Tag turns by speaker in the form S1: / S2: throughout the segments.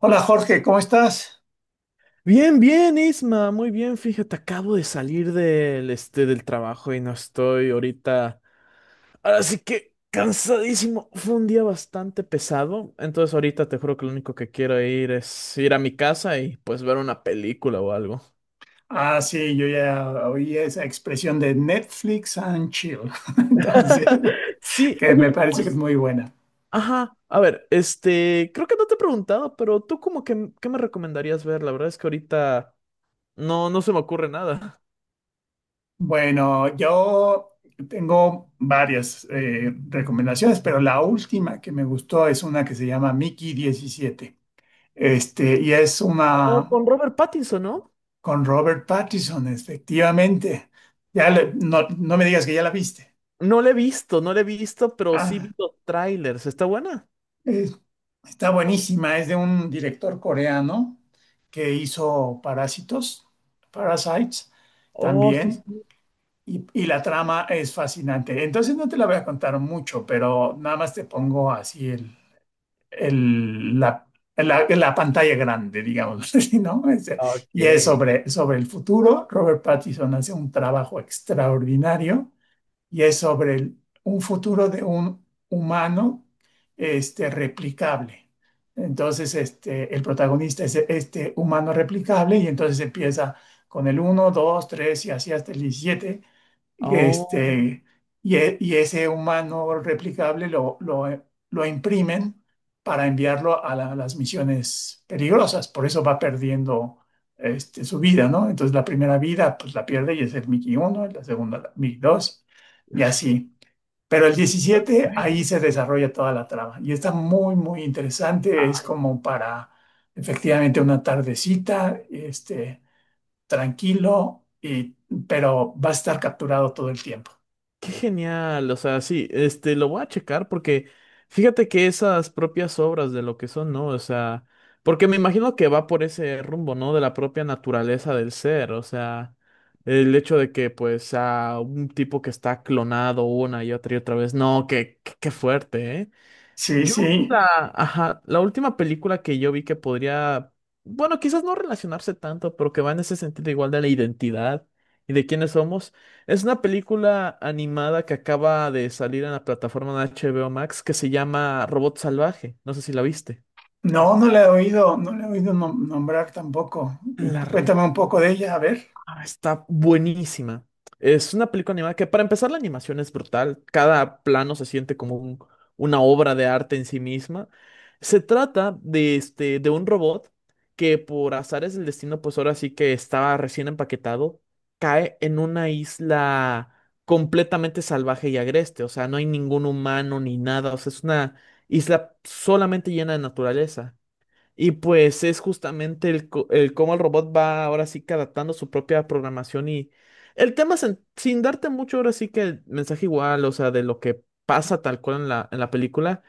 S1: Hola, Jorge, ¿cómo estás?
S2: Bien, bien, Isma, muy bien. Fíjate, acabo de salir del trabajo y no estoy ahorita. Ahora sí que cansadísimo. Fue un día bastante pesado. Entonces ahorita te juro que lo único que quiero ir es ir a mi casa y pues ver una película o algo.
S1: Ah, sí, yo ya oí esa expresión de Netflix and chill, entonces,
S2: Sí,
S1: que
S2: oye,
S1: me parece que es
S2: pues,
S1: muy buena.
S2: ajá. A ver, creo que no te he preguntado, pero tú como que, ¿qué me recomendarías ver? La verdad es que ahorita no se me ocurre nada.
S1: Bueno, yo tengo varias recomendaciones, pero la última que me gustó es una que se llama Mickey diecisiete. Y es
S2: Oh,
S1: una
S2: con Robert Pattinson, ¿no?
S1: con Robert Pattinson, efectivamente. No, no me digas que ya la viste.
S2: No la he visto, no la he visto, pero sí
S1: Ah,
S2: vi los trailers. ¿Está buena?
S1: es- Está buenísima, es de un director coreano que hizo Parásitos, Parasites
S2: Oh, sí,
S1: también.
S2: sí.
S1: Y la trama es fascinante. Entonces no te la voy a contar mucho, pero nada más te pongo así el- la, la pantalla grande, digamos, así, ¿no? Y es
S2: Ok.
S1: sobre, sobre el futuro. Robert Pattinson hace un trabajo extraordinario y es sobre un futuro de un humano replicable. Entonces, el protagonista es este humano replicable, y entonces empieza con el uno, dos, 3 y así hasta el 17.
S2: Oh,
S1: este, y ese humano replicable lo imprimen para enviarlo a, a las misiones peligrosas. Por eso va perdiendo, su vida, ¿no? Entonces la primera vida pues la pierde y es el Mickey 1, la segunda la Mickey 2, y así. Pero el 17, ahí se desarrolla toda la trama y está muy, muy interesante. Es
S2: ay,
S1: como para, efectivamente, una tardecita, tranquilo, y, pero va a estar capturado todo el tiempo.
S2: qué genial. O sea, sí, lo voy a checar porque fíjate que esas propias obras de lo que son, ¿no? O sea, porque me imagino que va por ese rumbo, ¿no? De la propia naturaleza del ser. O sea, el hecho de que, pues, a un tipo que está clonado una y otra vez. No, qué fuerte, ¿eh?
S1: Sí,
S2: Yo,
S1: sí.
S2: ajá, la última película que yo vi que podría, bueno, quizás no relacionarse tanto, pero que va en ese sentido igual de la identidad y de quiénes somos, es una película animada que acaba de salir en la plataforma de HBO Max que se llama Robot Salvaje. No sé si la viste.
S1: No, no le he oído, no le he oído nombrar tampoco. Y
S2: La,
S1: tú, cuéntame un poco de ella, a ver.
S2: Está buenísima. Es una película animada que para empezar la animación es brutal. Cada plano se siente como una obra de arte en sí misma. Se trata de, de un robot que por azares del destino, pues ahora sí que estaba recién empaquetado, cae en una isla completamente salvaje y agreste. O sea, no hay ningún humano ni nada. O sea, es una isla solamente llena de naturaleza. Y pues es justamente el cómo el robot va ahora sí que adaptando su propia programación y el tema sin darte mucho ahora sí que el mensaje igual, o sea, de lo que pasa tal cual en en la película,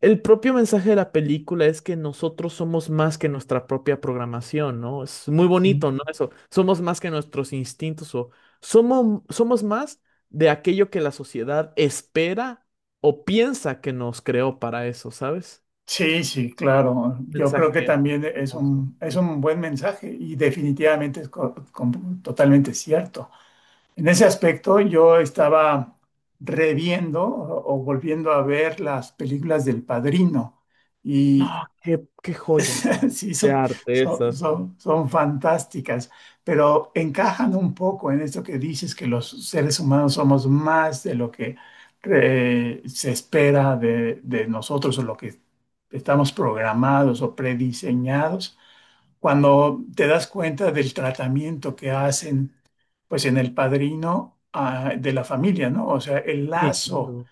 S2: el propio mensaje de la película es que nosotros somos más que nuestra propia programación, ¿no? Es muy bonito, ¿no?
S1: Mm.
S2: Eso, somos más que nuestros instintos o somos más de aquello que la sociedad espera o piensa que nos creó para eso, ¿sabes?
S1: Sí, sí, claro. Yo
S2: Mensaje
S1: creo que también
S2: hermoso.
S1: es un buen mensaje, y definitivamente es totalmente cierto. En ese aspecto, yo estaba reviendo o volviendo a ver las películas del Padrino,
S2: No,
S1: y
S2: qué joyas
S1: sí,
S2: de
S1: son,
S2: arte esas.
S1: son fantásticas, pero encajan un poco en esto que dices, que los seres humanos somos más de lo que, se espera de nosotros, o lo que estamos programados o prediseñados cuando te das cuenta del tratamiento que hacen, pues, en el Padrino, de la familia, ¿no? O sea, el
S2: Sí,
S1: lazo
S2: claro.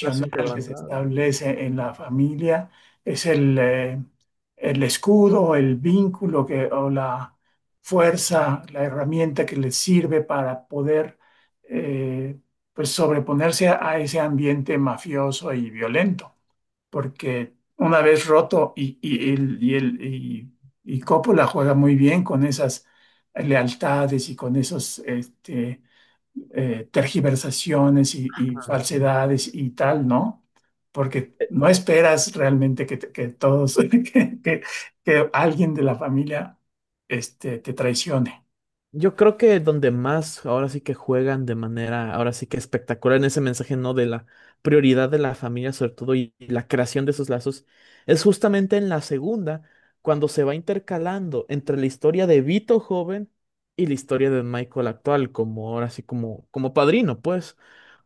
S2: Las
S1: que se
S2: inquebrantables.
S1: establece en la familia es el escudo, el vínculo que, o la fuerza, la herramienta que les sirve para poder, eh, pues, sobreponerse a ese ambiente mafioso y violento, porque una vez roto, y, y Coppola juega muy bien con esas lealtades y con esos, tergiversaciones y
S2: Ajá.
S1: falsedades y tal, ¿no? Porque no esperas realmente que, que todos, que alguien de la familia, te traicione.
S2: Yo creo que donde más ahora sí que juegan de manera, ahora sí que espectacular en ese mensaje, ¿no? De la prioridad de la familia, sobre todo, y la creación de esos lazos, es justamente en la segunda, cuando se va intercalando entre la historia de Vito joven y la historia de Michael actual, como ahora sí como, como padrino, pues.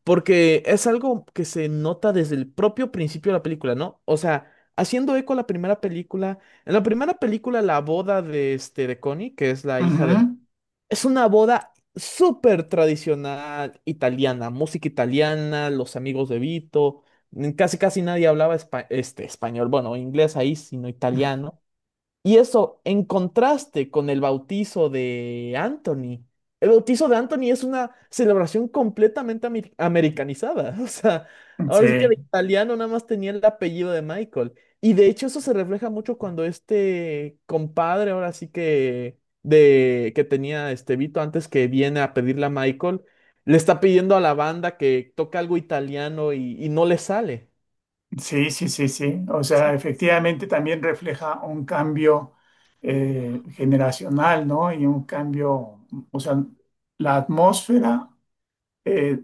S2: Porque es algo que se nota desde el propio principio de la película, ¿no? O sea, haciendo eco a la primera película, en la primera película la boda de, de Connie, que es la hija
S1: Ujú.
S2: de es una boda súper tradicional italiana, música italiana, los amigos de Vito, mm, casi casi nadie hablaba español, bueno, inglés ahí, sino italiano. Y eso en contraste con el bautizo de Anthony. El bautizo de Anthony es una celebración completamente americanizada. O sea, ahora sí que
S1: Sí.
S2: de italiano nada más tenía el apellido de Michael. Y de hecho eso se refleja mucho cuando este compadre, ahora sí que de que tenía este Vito antes que viene a pedirle a Michael, le está pidiendo a la banda que toque algo italiano y, no le sale.
S1: Sí, sí, sí, sí. O sea,
S2: Sí.
S1: efectivamente también refleja un cambio, generacional, ¿no? Y un cambio, o sea, la atmósfera, eh,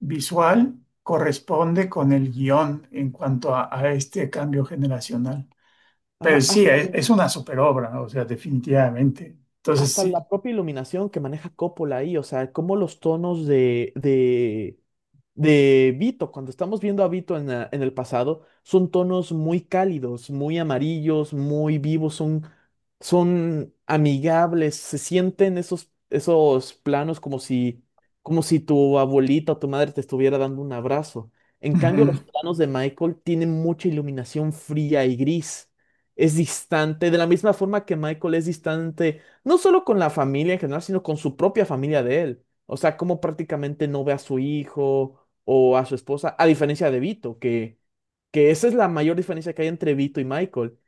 S1: visual corresponde con el guión en cuanto a este cambio generacional.
S2: Ajá.
S1: Pero sí, es una superobra, ¿no? O sea, definitivamente. Entonces,
S2: Hasta
S1: sí.
S2: la propia iluminación que maneja Coppola ahí, o sea, como los tonos de Vito, cuando estamos viendo a Vito en, en el pasado, son tonos muy cálidos, muy amarillos, muy vivos, son amigables, se sienten esos planos como si tu abuelita o tu madre te estuviera dando un abrazo. En cambio,
S1: Ujú.
S2: los planos de Michael tienen mucha iluminación fría y gris. Es distante, de la misma forma que Michael es distante no solo con la familia en general, sino con su propia familia de él. O sea, como prácticamente no ve a su hijo o a su esposa, a diferencia de Vito, que esa es la mayor diferencia que hay entre Vito y Michael.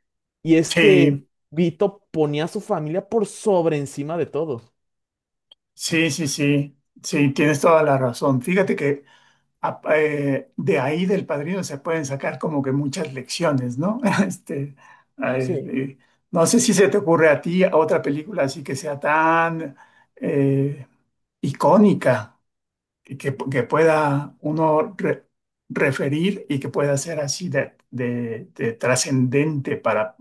S2: Y es que
S1: Sí,
S2: Vito ponía a su familia por sobre encima de todo.
S1: sí, sí, sí. Sí, tienes toda la razón. Fíjate que de ahí del Padrino se pueden sacar como que muchas lecciones, ¿no? Este, ay,
S2: Sí.
S1: eh, no sé si se te ocurre a ti otra película así que sea tan, eh, icónica, y que pueda uno referir, y que pueda ser así de, de trascendente para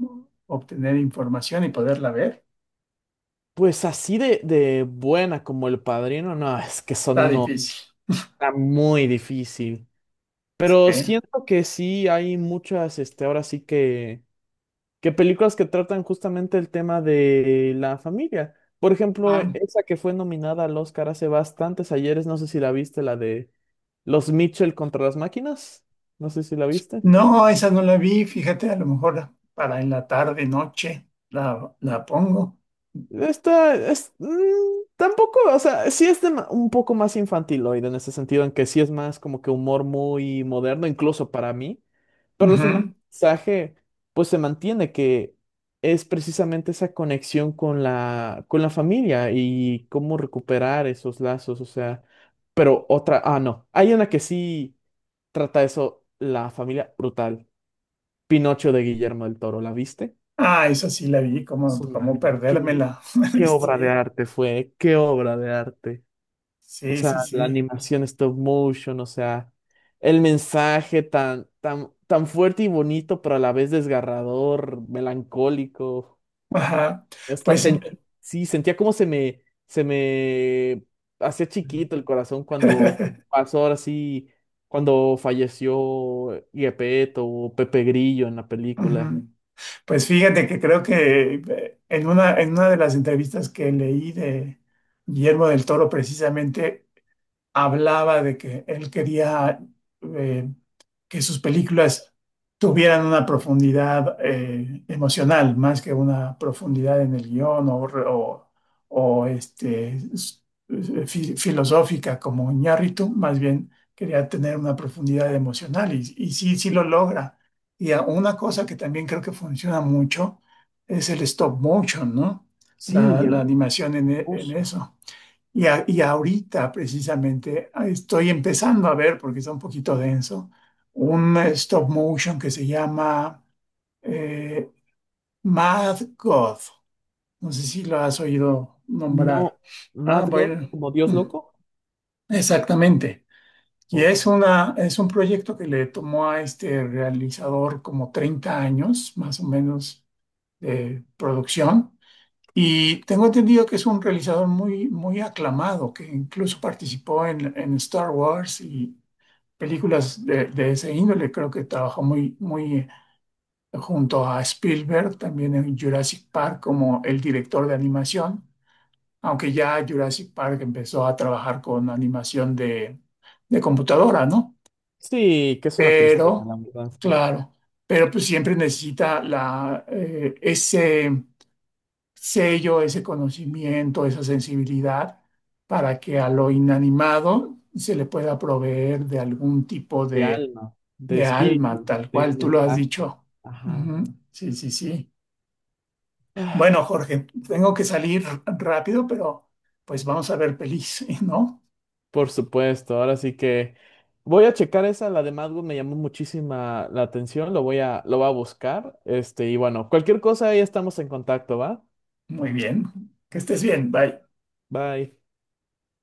S1: obtener información y poderla ver.
S2: Pues así de buena como el padrino, no, es que son
S1: Está
S2: uno
S1: difícil.
S2: está muy difícil. Pero
S1: Sí.
S2: siento que sí hay muchas, ahora sí que películas que tratan justamente el tema de la familia. Por ejemplo, e,
S1: Ah.
S2: esa que fue nominada al Oscar hace bastantes ayeres, no sé si la viste, la de Los Mitchell contra las máquinas, no sé si la viste.
S1: No, esa no la vi, fíjate, a lo mejor para en la tarde, noche, la pongo.
S2: Esta es mm, tampoco, o sea, sí es un poco más infantiloide en ese sentido, en que sí es más como que humor muy moderno, incluso para mí, pero al final
S1: Ujú.
S2: el mensaje pues se mantiene que es precisamente esa conexión con con la familia y cómo recuperar esos lazos, o sea, pero otra, ah, no, hay una que sí trata eso, la familia brutal, Pinocho de Guillermo del Toro, ¿la viste?
S1: Ah, esa sí la vi, como,
S2: Es una
S1: como perdérmela.
S2: ¿Qué obra de arte fue? ¿Qué obra de arte? O
S1: Sí,
S2: sea,
S1: sí, sí,
S2: la
S1: sí.
S2: animación stop motion, o sea, el mensaje tan, tan fuerte y bonito, pero a la vez desgarrador, melancólico.
S1: Ajá.
S2: Hasta
S1: Pues,
S2: sentí, sí, sentía como se me hacía chiquito el corazón cuando pasó ahora sí, cuando falleció Gepetto o Pepe Grillo en la película.
S1: ujú. Pues fíjate que creo que, en una de las entrevistas que leí de Guillermo del Toro, precisamente hablaba de que él quería, eh, que sus películas tuvieran una profundidad, emocional, más que una profundidad en el guión, o, filosófica como Iñárritu, más bien quería tener una profundidad emocional, y sí, sí lo logra. Y una cosa que también creo que funciona mucho es el stop motion, ¿no? La,
S2: Sí, es
S1: la animación en, en
S2: hermoso.
S1: eso. Y, y ahorita precisamente, estoy empezando a ver, porque está un poquito denso, un, stop motion que se llama, eh, Mad God. No sé si lo has oído nombrar.
S2: No,
S1: Ah,
S2: Mad God,
S1: bueno,
S2: como Dios
S1: mm,
S2: loco.
S1: exactamente. Y
S2: Ok.
S1: es una, es un proyecto que le tomó a este realizador como 30 años, más o menos, de producción. Y tengo entendido que es un realizador muy, muy aclamado, que incluso participó en Star Wars y películas de ese índole. Creo que trabajó muy, muy, junto a Spielberg, también en Jurassic Park, como el director de animación, aunque ya Jurassic Park empezó a trabajar con animación de computadora, ¿no?
S2: Sí, que es una tristeza, la
S1: Pero,
S2: verdad,
S1: claro, pero pues siempre necesita la, ese sello, ese conocimiento, esa sensibilidad, para que a lo inanimado se le pueda proveer de algún tipo
S2: de alma, de
S1: de alma,
S2: espíritu,
S1: tal
S2: de
S1: cual tú lo has
S2: mensaje.
S1: dicho.
S2: Ajá.
S1: Ujú. Sí, sí, sí.
S2: Ah,
S1: Bueno, Jorge, tengo que salir rápido, pero pues vamos a ver pelis, ¿no?
S2: por supuesto, ahora sí que voy a checar esa, la de Madwood me llamó muchísima la atención, lo voy a buscar. Y bueno, cualquier cosa ahí estamos en contacto, ¿va?
S1: Muy bien. Que estés bien. Bye.
S2: Bye.